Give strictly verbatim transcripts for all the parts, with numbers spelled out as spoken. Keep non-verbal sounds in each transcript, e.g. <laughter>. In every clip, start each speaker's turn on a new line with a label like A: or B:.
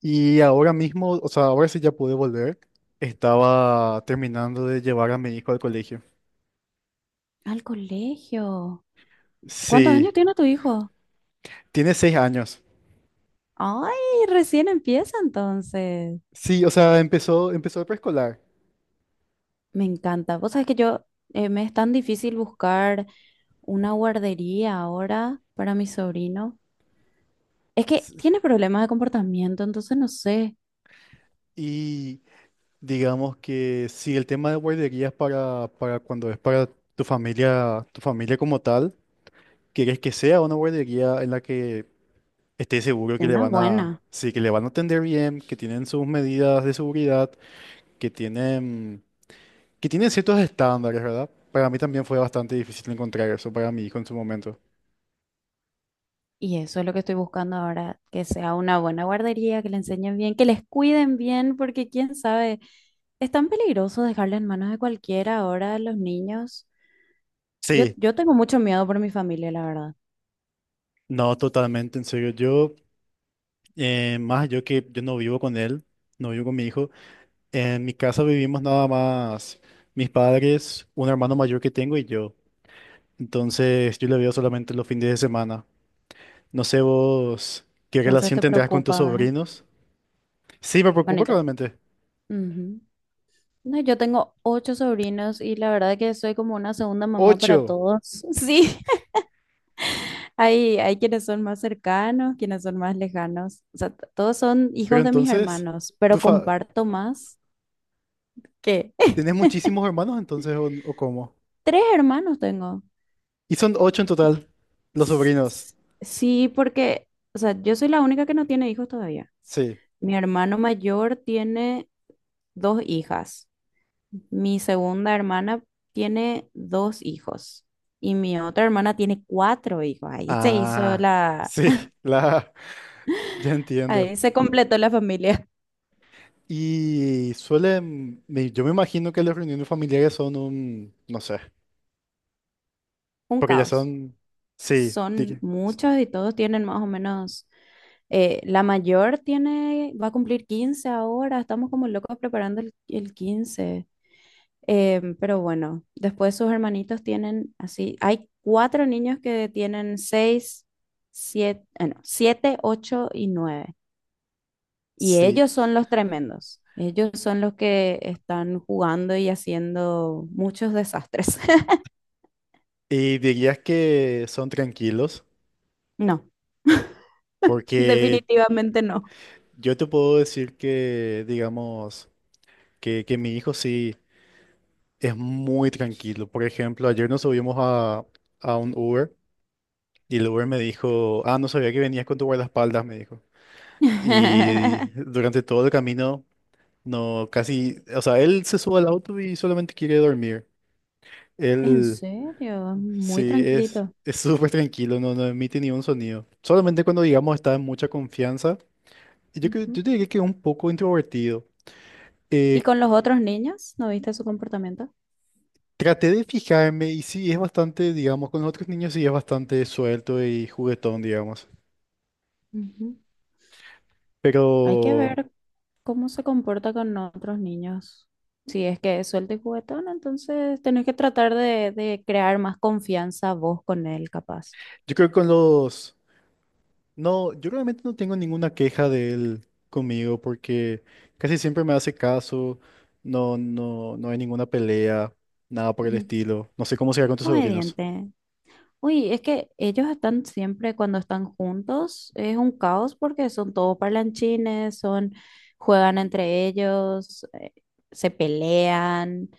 A: Y ahora mismo, o sea, ahora sí ya pude volver. Estaba terminando de llevar a mi hijo al colegio.
B: Al colegio. ¿Cuántos años
A: Sí,
B: tiene tu hijo?
A: tiene seis años.
B: Ay, recién empieza entonces.
A: Sí, o sea, empezó, empezó, el preescolar.
B: Me encanta. Vos sabés que yo, eh, me es tan difícil buscar una guardería ahora para mi sobrino. Es que
A: S-
B: tiene problemas de comportamiento, entonces no sé,
A: Y digamos que sí, el tema de guarderías para, para cuando es para tu familia, tu familia como tal, quieres que sea una guardería en la que estés seguro que le
B: una
A: van a,
B: buena.
A: sí, que le van a atender bien, que tienen sus medidas de seguridad, que tienen Que tiene ciertos estándares, ¿verdad? Para mí también fue bastante difícil encontrar eso para mi hijo en su momento.
B: Y eso es lo que estoy buscando ahora, que sea una buena guardería, que le enseñen bien, que les cuiden bien, porque quién sabe, es tan peligroso dejarle en manos de cualquiera ahora a los niños. Yo,
A: Sí,
B: yo tengo mucho miedo por mi familia, la verdad.
A: no, totalmente, en serio. Yo, eh, más yo que yo no vivo con él, no vivo con mi hijo. En mi casa vivimos nada más mis padres, un hermano mayor que tengo y yo. Entonces yo le veo solamente los fines de semana. No sé vos qué
B: Entonces
A: relación
B: te
A: tendrás con tus
B: preocupa, ¿verdad?
A: sobrinos. Sí, me
B: Bueno,
A: preocupa
B: yo.
A: realmente.
B: Ujú. No, yo tengo ocho sobrinos y la verdad que soy como una segunda mamá para
A: Ocho.
B: todos. <laughs> Sí, hay, hay quienes son más cercanos, quienes son más lejanos. O sea, t- todos son
A: Pero
B: hijos de mis
A: entonces,
B: hermanos,
A: ¿tú
B: pero
A: fa-
B: comparto más que <laughs>
A: tenés muchísimos hermanos entonces o, o cómo?
B: tres hermanos tengo.
A: Y son ocho en total, los
B: S-
A: sobrinos.
B: s- Sí, porque, o sea, yo soy la única que no tiene hijos todavía.
A: Sí.
B: Mi hermano mayor tiene dos hijas. Mi segunda hermana tiene dos hijos y mi otra hermana tiene cuatro hijos. Ahí se hizo
A: Ah,
B: la,
A: sí, <laughs> la... ya entiendo.
B: ahí se completó la familia.
A: Y suelen, me- yo me imagino que las reuniones familiares son un, no sé,
B: <laughs> Un
A: porque ya
B: caos.
A: son, sí, di-
B: Son muchos y todos tienen más o menos, eh, la mayor tiene, va a cumplir quince ahora. Estamos como locos preparando el, el quince. Em, pero bueno, después sus hermanitos tienen así, hay cuatro niños que tienen seis, siete, eh, no, siete, ocho y nueve. Y
A: sí.
B: ellos son los tremendos. Ellos son los que están jugando y haciendo muchos desastres. <laughs>
A: Y dirías que son tranquilos,
B: No,
A: porque
B: definitivamente no.
A: yo te puedo decir que, digamos, que, que mi hijo sí es muy tranquilo. Por ejemplo, ayer nos subimos a, a, un Uber. Y el Uber me dijo, ah, no sabía que venías con tu guardaespaldas, me dijo. Y
B: <laughs>
A: durante todo el camino, no, casi, o sea, él se sube al auto y solamente quiere dormir.
B: En
A: Él,
B: serio, muy
A: sí, es,
B: tranquilito.
A: es súper tranquilo, no, no emite ni un sonido. Solamente cuando, digamos, está en mucha confianza. Y yo, creo-
B: Ujú.
A: yo diría que es un poco introvertido.
B: ¿Y
A: Eh,
B: con los otros niños? ¿No viste su comportamiento?
A: Traté de fijarme y sí, es bastante, digamos, con los otros niños sí es bastante suelto y juguetón, digamos.
B: Ujú.
A: Pero
B: Hay que ver cómo se comporta con otros niños. Si es que es suelto y juguetón, entonces tenés que tratar de, de crear más confianza vos con él, capaz.
A: yo creo que con los... no, yo realmente no tengo ninguna queja de él conmigo porque casi siempre me hace caso, no, no, no hay ninguna pelea, nada por el
B: Ujú.
A: estilo. No sé cómo será con tus sobrinos.
B: Obediente. Uy, es que ellos están siempre cuando están juntos, es un caos porque son todos parlanchines, son, juegan entre ellos, eh, se pelean,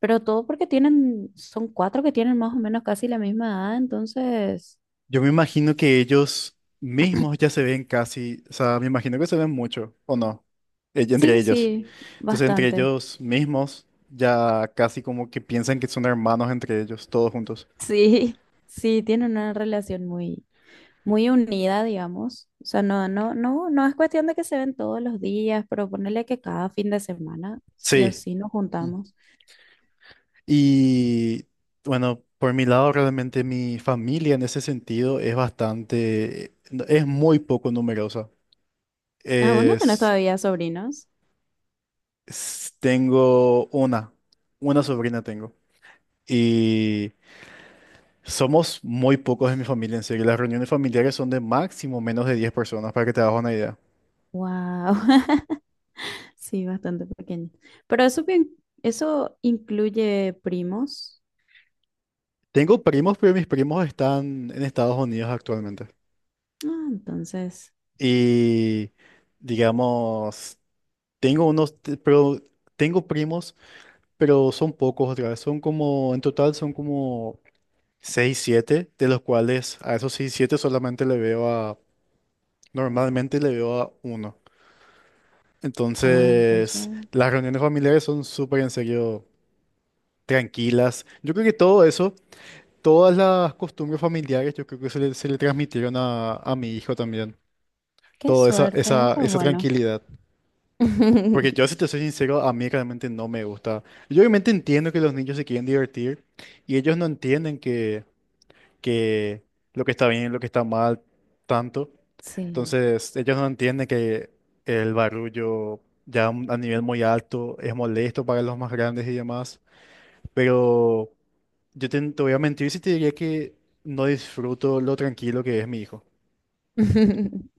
B: pero todo porque tienen, son cuatro que tienen más o menos casi la misma edad, entonces,
A: Yo me imagino que ellos mismos ya se ven casi, o sea, me imagino que se ven mucho, ¿o no? Ell- entre
B: sí,
A: ellos.
B: sí,
A: Entonces entre
B: bastante.
A: ellos mismos ya casi como que piensan que son hermanos entre ellos, todos juntos.
B: Sí, <laughs> sí, tienen una relación muy, muy unida, digamos. O sea, no, no, no, no es cuestión de que se ven todos los días, pero ponerle que cada fin de semana, sí o
A: Sí.
B: sí, nos juntamos.
A: Y bueno, por mi lado realmente mi familia en ese sentido es bastante, no, es muy poco numerosa.
B: Ah, vos no tenés
A: Es,
B: todavía sobrinos.
A: es- Tengo una, una, sobrina tengo. Y somos muy pocos en mi familia, en serio. Las reuniones familiares son de máximo menos de diez personas, para que te hagas una idea.
B: Wow, <laughs> sí, bastante pequeño. Pero eso bien, eso incluye primos.
A: Tengo primos, pero mis primos están en Estados Unidos actualmente.
B: Ah, entonces,
A: Y digamos, tengo unos, t- pero tengo primos, pero son pocos otra vez. Son como, en total son como seis siete de los cuales a esos seis siete solamente le veo a, normalmente le veo a uno.
B: ah, entonces,
A: Entonces, las reuniones familiares son súper en serio tranquilas. Yo creo que todo eso, todas las costumbres familiares, yo creo que se le, se le transmitieron a, a, mi hijo también.
B: qué
A: Toda esa,
B: suerte,
A: esa,
B: eso es
A: esa
B: bueno.
A: tranquilidad. Porque yo, si
B: <laughs>
A: te soy sincero, a mí realmente no me gusta. Yo obviamente entiendo que los niños se quieren divertir y ellos no entienden que, que lo que está bien y lo que está mal tanto.
B: Sí.
A: Entonces, ellos no entienden que el barullo ya a un- a nivel muy alto es molesto para los más grandes y demás. Pero yo te, te voy a mentir si te diría que no disfruto lo tranquilo que es mi hijo.
B: <laughs>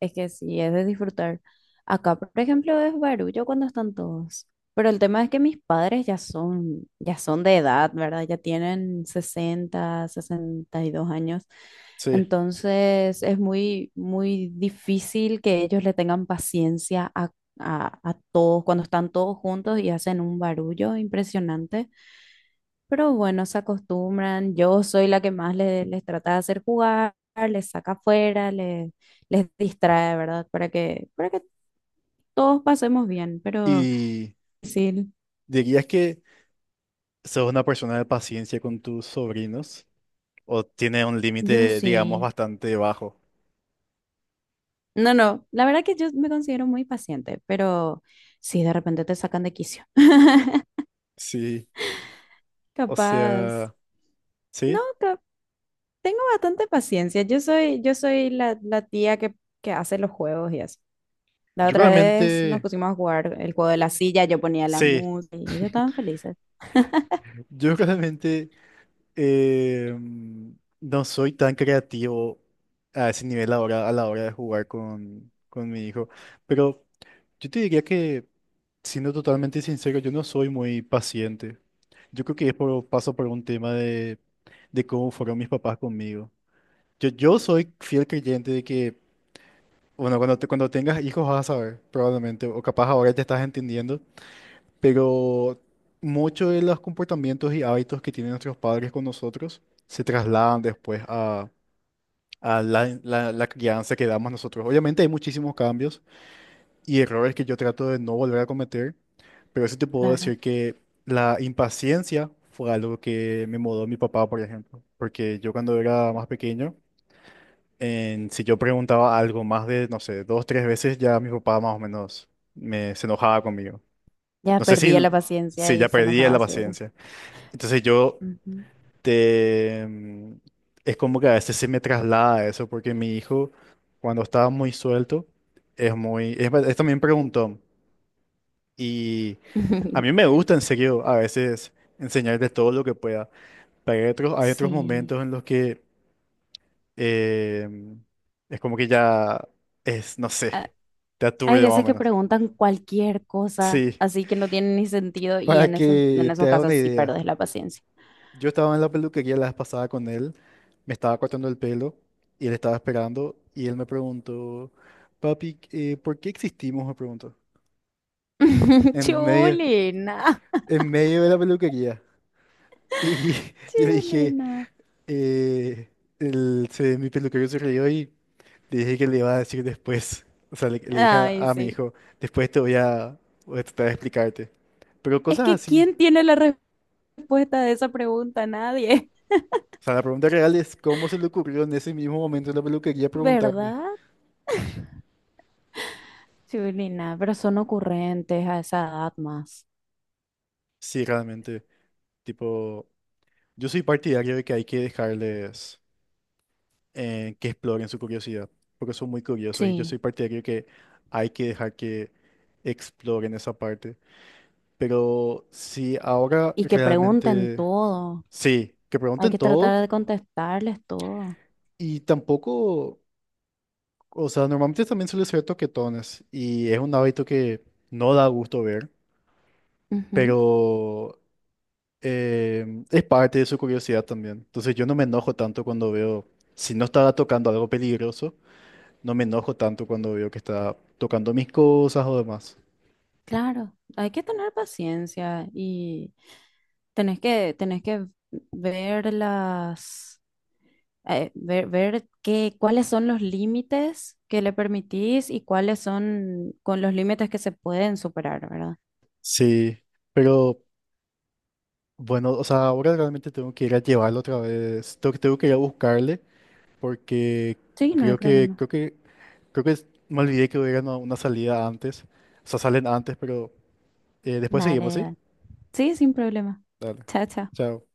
B: Es que sí, es de disfrutar. Acá, por ejemplo, es barullo cuando están todos. Pero el tema es que mis padres ya son, ya son de edad, ¿verdad? Ya tienen sesenta sesenta y dos años.
A: Sí.
B: Entonces es muy, muy difícil que ellos le tengan paciencia a, a a todos cuando están todos juntos y hacen un barullo impresionante. Pero bueno, se acostumbran. Yo soy la que más le- les, trata de hacer jugar, les saca afuera, les, les distrae, ¿verdad? Para que, para que todos pasemos bien. Pero
A: Y
B: sí,
A: dirías que sos una persona de paciencia con tus sobrinos, o tiene un
B: yo
A: límite, digamos,
B: sí.
A: bastante bajo.
B: No, no, la verdad que yo me considero muy paciente, pero sí, de repente te sacan de quicio.
A: Sí,
B: <laughs>
A: o
B: Capaz.
A: sea,
B: No,
A: sí,
B: cap- tengo bastante paciencia. Yo soy, yo soy la, la tía que, que hace los juegos y eso. La
A: yo
B: otra vez nos
A: claramente,
B: pusimos a jugar el juego de la silla, yo ponía la
A: sí,
B: música y ellos estaban felices.
A: yo <laughs> claramente, eh, mm, no soy tan creativo a ese nivel ahora, a la hora de jugar con, con, mi hijo, pero yo te diría que, siendo totalmente sincero, yo no soy muy paciente. Yo creo que es por, paso por un tema de, de cómo fueron mis papás conmigo. Yo, yo soy fiel creyente de que Bueno, cuando, te- cuando tengas hijos vas a saber, probablemente, o capaz ahora te estás entendiendo, pero muchos de los comportamientos y hábitos que tienen nuestros padres con nosotros se trasladan después a, a la, la- la crianza que damos nosotros. Obviamente hay muchísimos cambios y errores que yo trato de no volver a cometer, pero sí te puedo
B: Claro,
A: decir que la impaciencia fue algo que me mudó mi papá, por ejemplo, porque yo cuando era más pequeño, en- si yo preguntaba algo más de, no sé, dos, tres veces, ya mi papá más o menos me, se enojaba conmigo.
B: ya
A: No sé si,
B: perdía la paciencia
A: si
B: y
A: ya
B: se
A: perdía
B: enojaba
A: la
B: seguro.
A: paciencia. Entonces yo
B: Ujú.
A: te... mm, es como que a veces se me traslada eso, porque mi hijo, cuando estaba muy suelto, es muy... Es, es también preguntón. Y a mí me
B: <laughs>
A: gusta, en serio, a veces enseñarle todo lo que pueda. Pero hay otros, hay otros,
B: Sí.
A: momentos en los que em, es como que ya es, no sé.
B: Ah,
A: Te
B: hay
A: aturde más o
B: veces que
A: menos.
B: preguntan cualquier cosa,
A: Sí,
B: así que no tiene ni sentido y
A: para
B: en esos, en
A: que te
B: esos
A: haga una
B: casos sí
A: idea.
B: perdes la paciencia.
A: Yo estaba en la peluquería la vez pasada con él, me estaba cortando el pelo y él estaba esperando y él me preguntó, papi, eh, ¿por qué existimos? Me preguntó.
B: <laughs>
A: En medio,
B: Chulina,
A: en medio de la peluquería. Y <laughs> yo le dije,
B: chulina.
A: eh, el- se- mi peluquero se rió y le dije que le iba a decir después. O sea, le, le dije a,
B: Ay,
A: a mi
B: sí.
A: hijo, después te voy a, voy a tratar de explicarte. Pero
B: Es
A: cosas
B: que
A: así.
B: ¿quién tiene la respuesta de esa pregunta? Nadie,
A: O sea, la pregunta real es cómo se le ocurrió en ese mismo momento en la peluquería
B: <laughs>
A: preguntarle.
B: ¿verdad? Chulina, pero son ocurrentes a esa edad más.
A: Sí, realmente, tipo, yo soy partidario de que hay que dejarles eh, que exploren su curiosidad, porque son muy curiosos y yo soy
B: Sí,
A: partidario de que hay que dejar que exploren esa parte. Pero si ahora
B: y que pregunten
A: realmente,
B: todo.
A: sí, que
B: Hay
A: pregunten
B: que
A: todo
B: tratar de contestarles todo.
A: y tampoco, o sea, normalmente también suele ser toquetones y es un hábito que no da gusto ver,
B: Ujú.
A: pero... eh, es parte de su curiosidad también. Entonces yo no me enojo tanto cuando veo, si no estaba tocando algo peligroso, no me enojo tanto cuando veo que está tocando mis cosas o demás.
B: Claro, hay que tener paciencia y tenés que, tenés que ver las, eh, ver, ver qué, cuáles son los límites que le permitís y cuáles son con los límites que se pueden superar, ¿verdad?
A: Sí, pero bueno, o sea, ahora realmente tengo que ir a llevarlo otra vez, tengo, tengo que ir a buscarle porque
B: Sí, no hay
A: creo que,
B: problema.
A: creo que, creo que es- me olvidé que hubiera una, una, salida antes, o sea, salen antes, pero eh, después
B: Dale,
A: seguimos, ¿sí?
B: dale. Sí, sin problema.
A: Dale,
B: Chao, chao.
A: chao.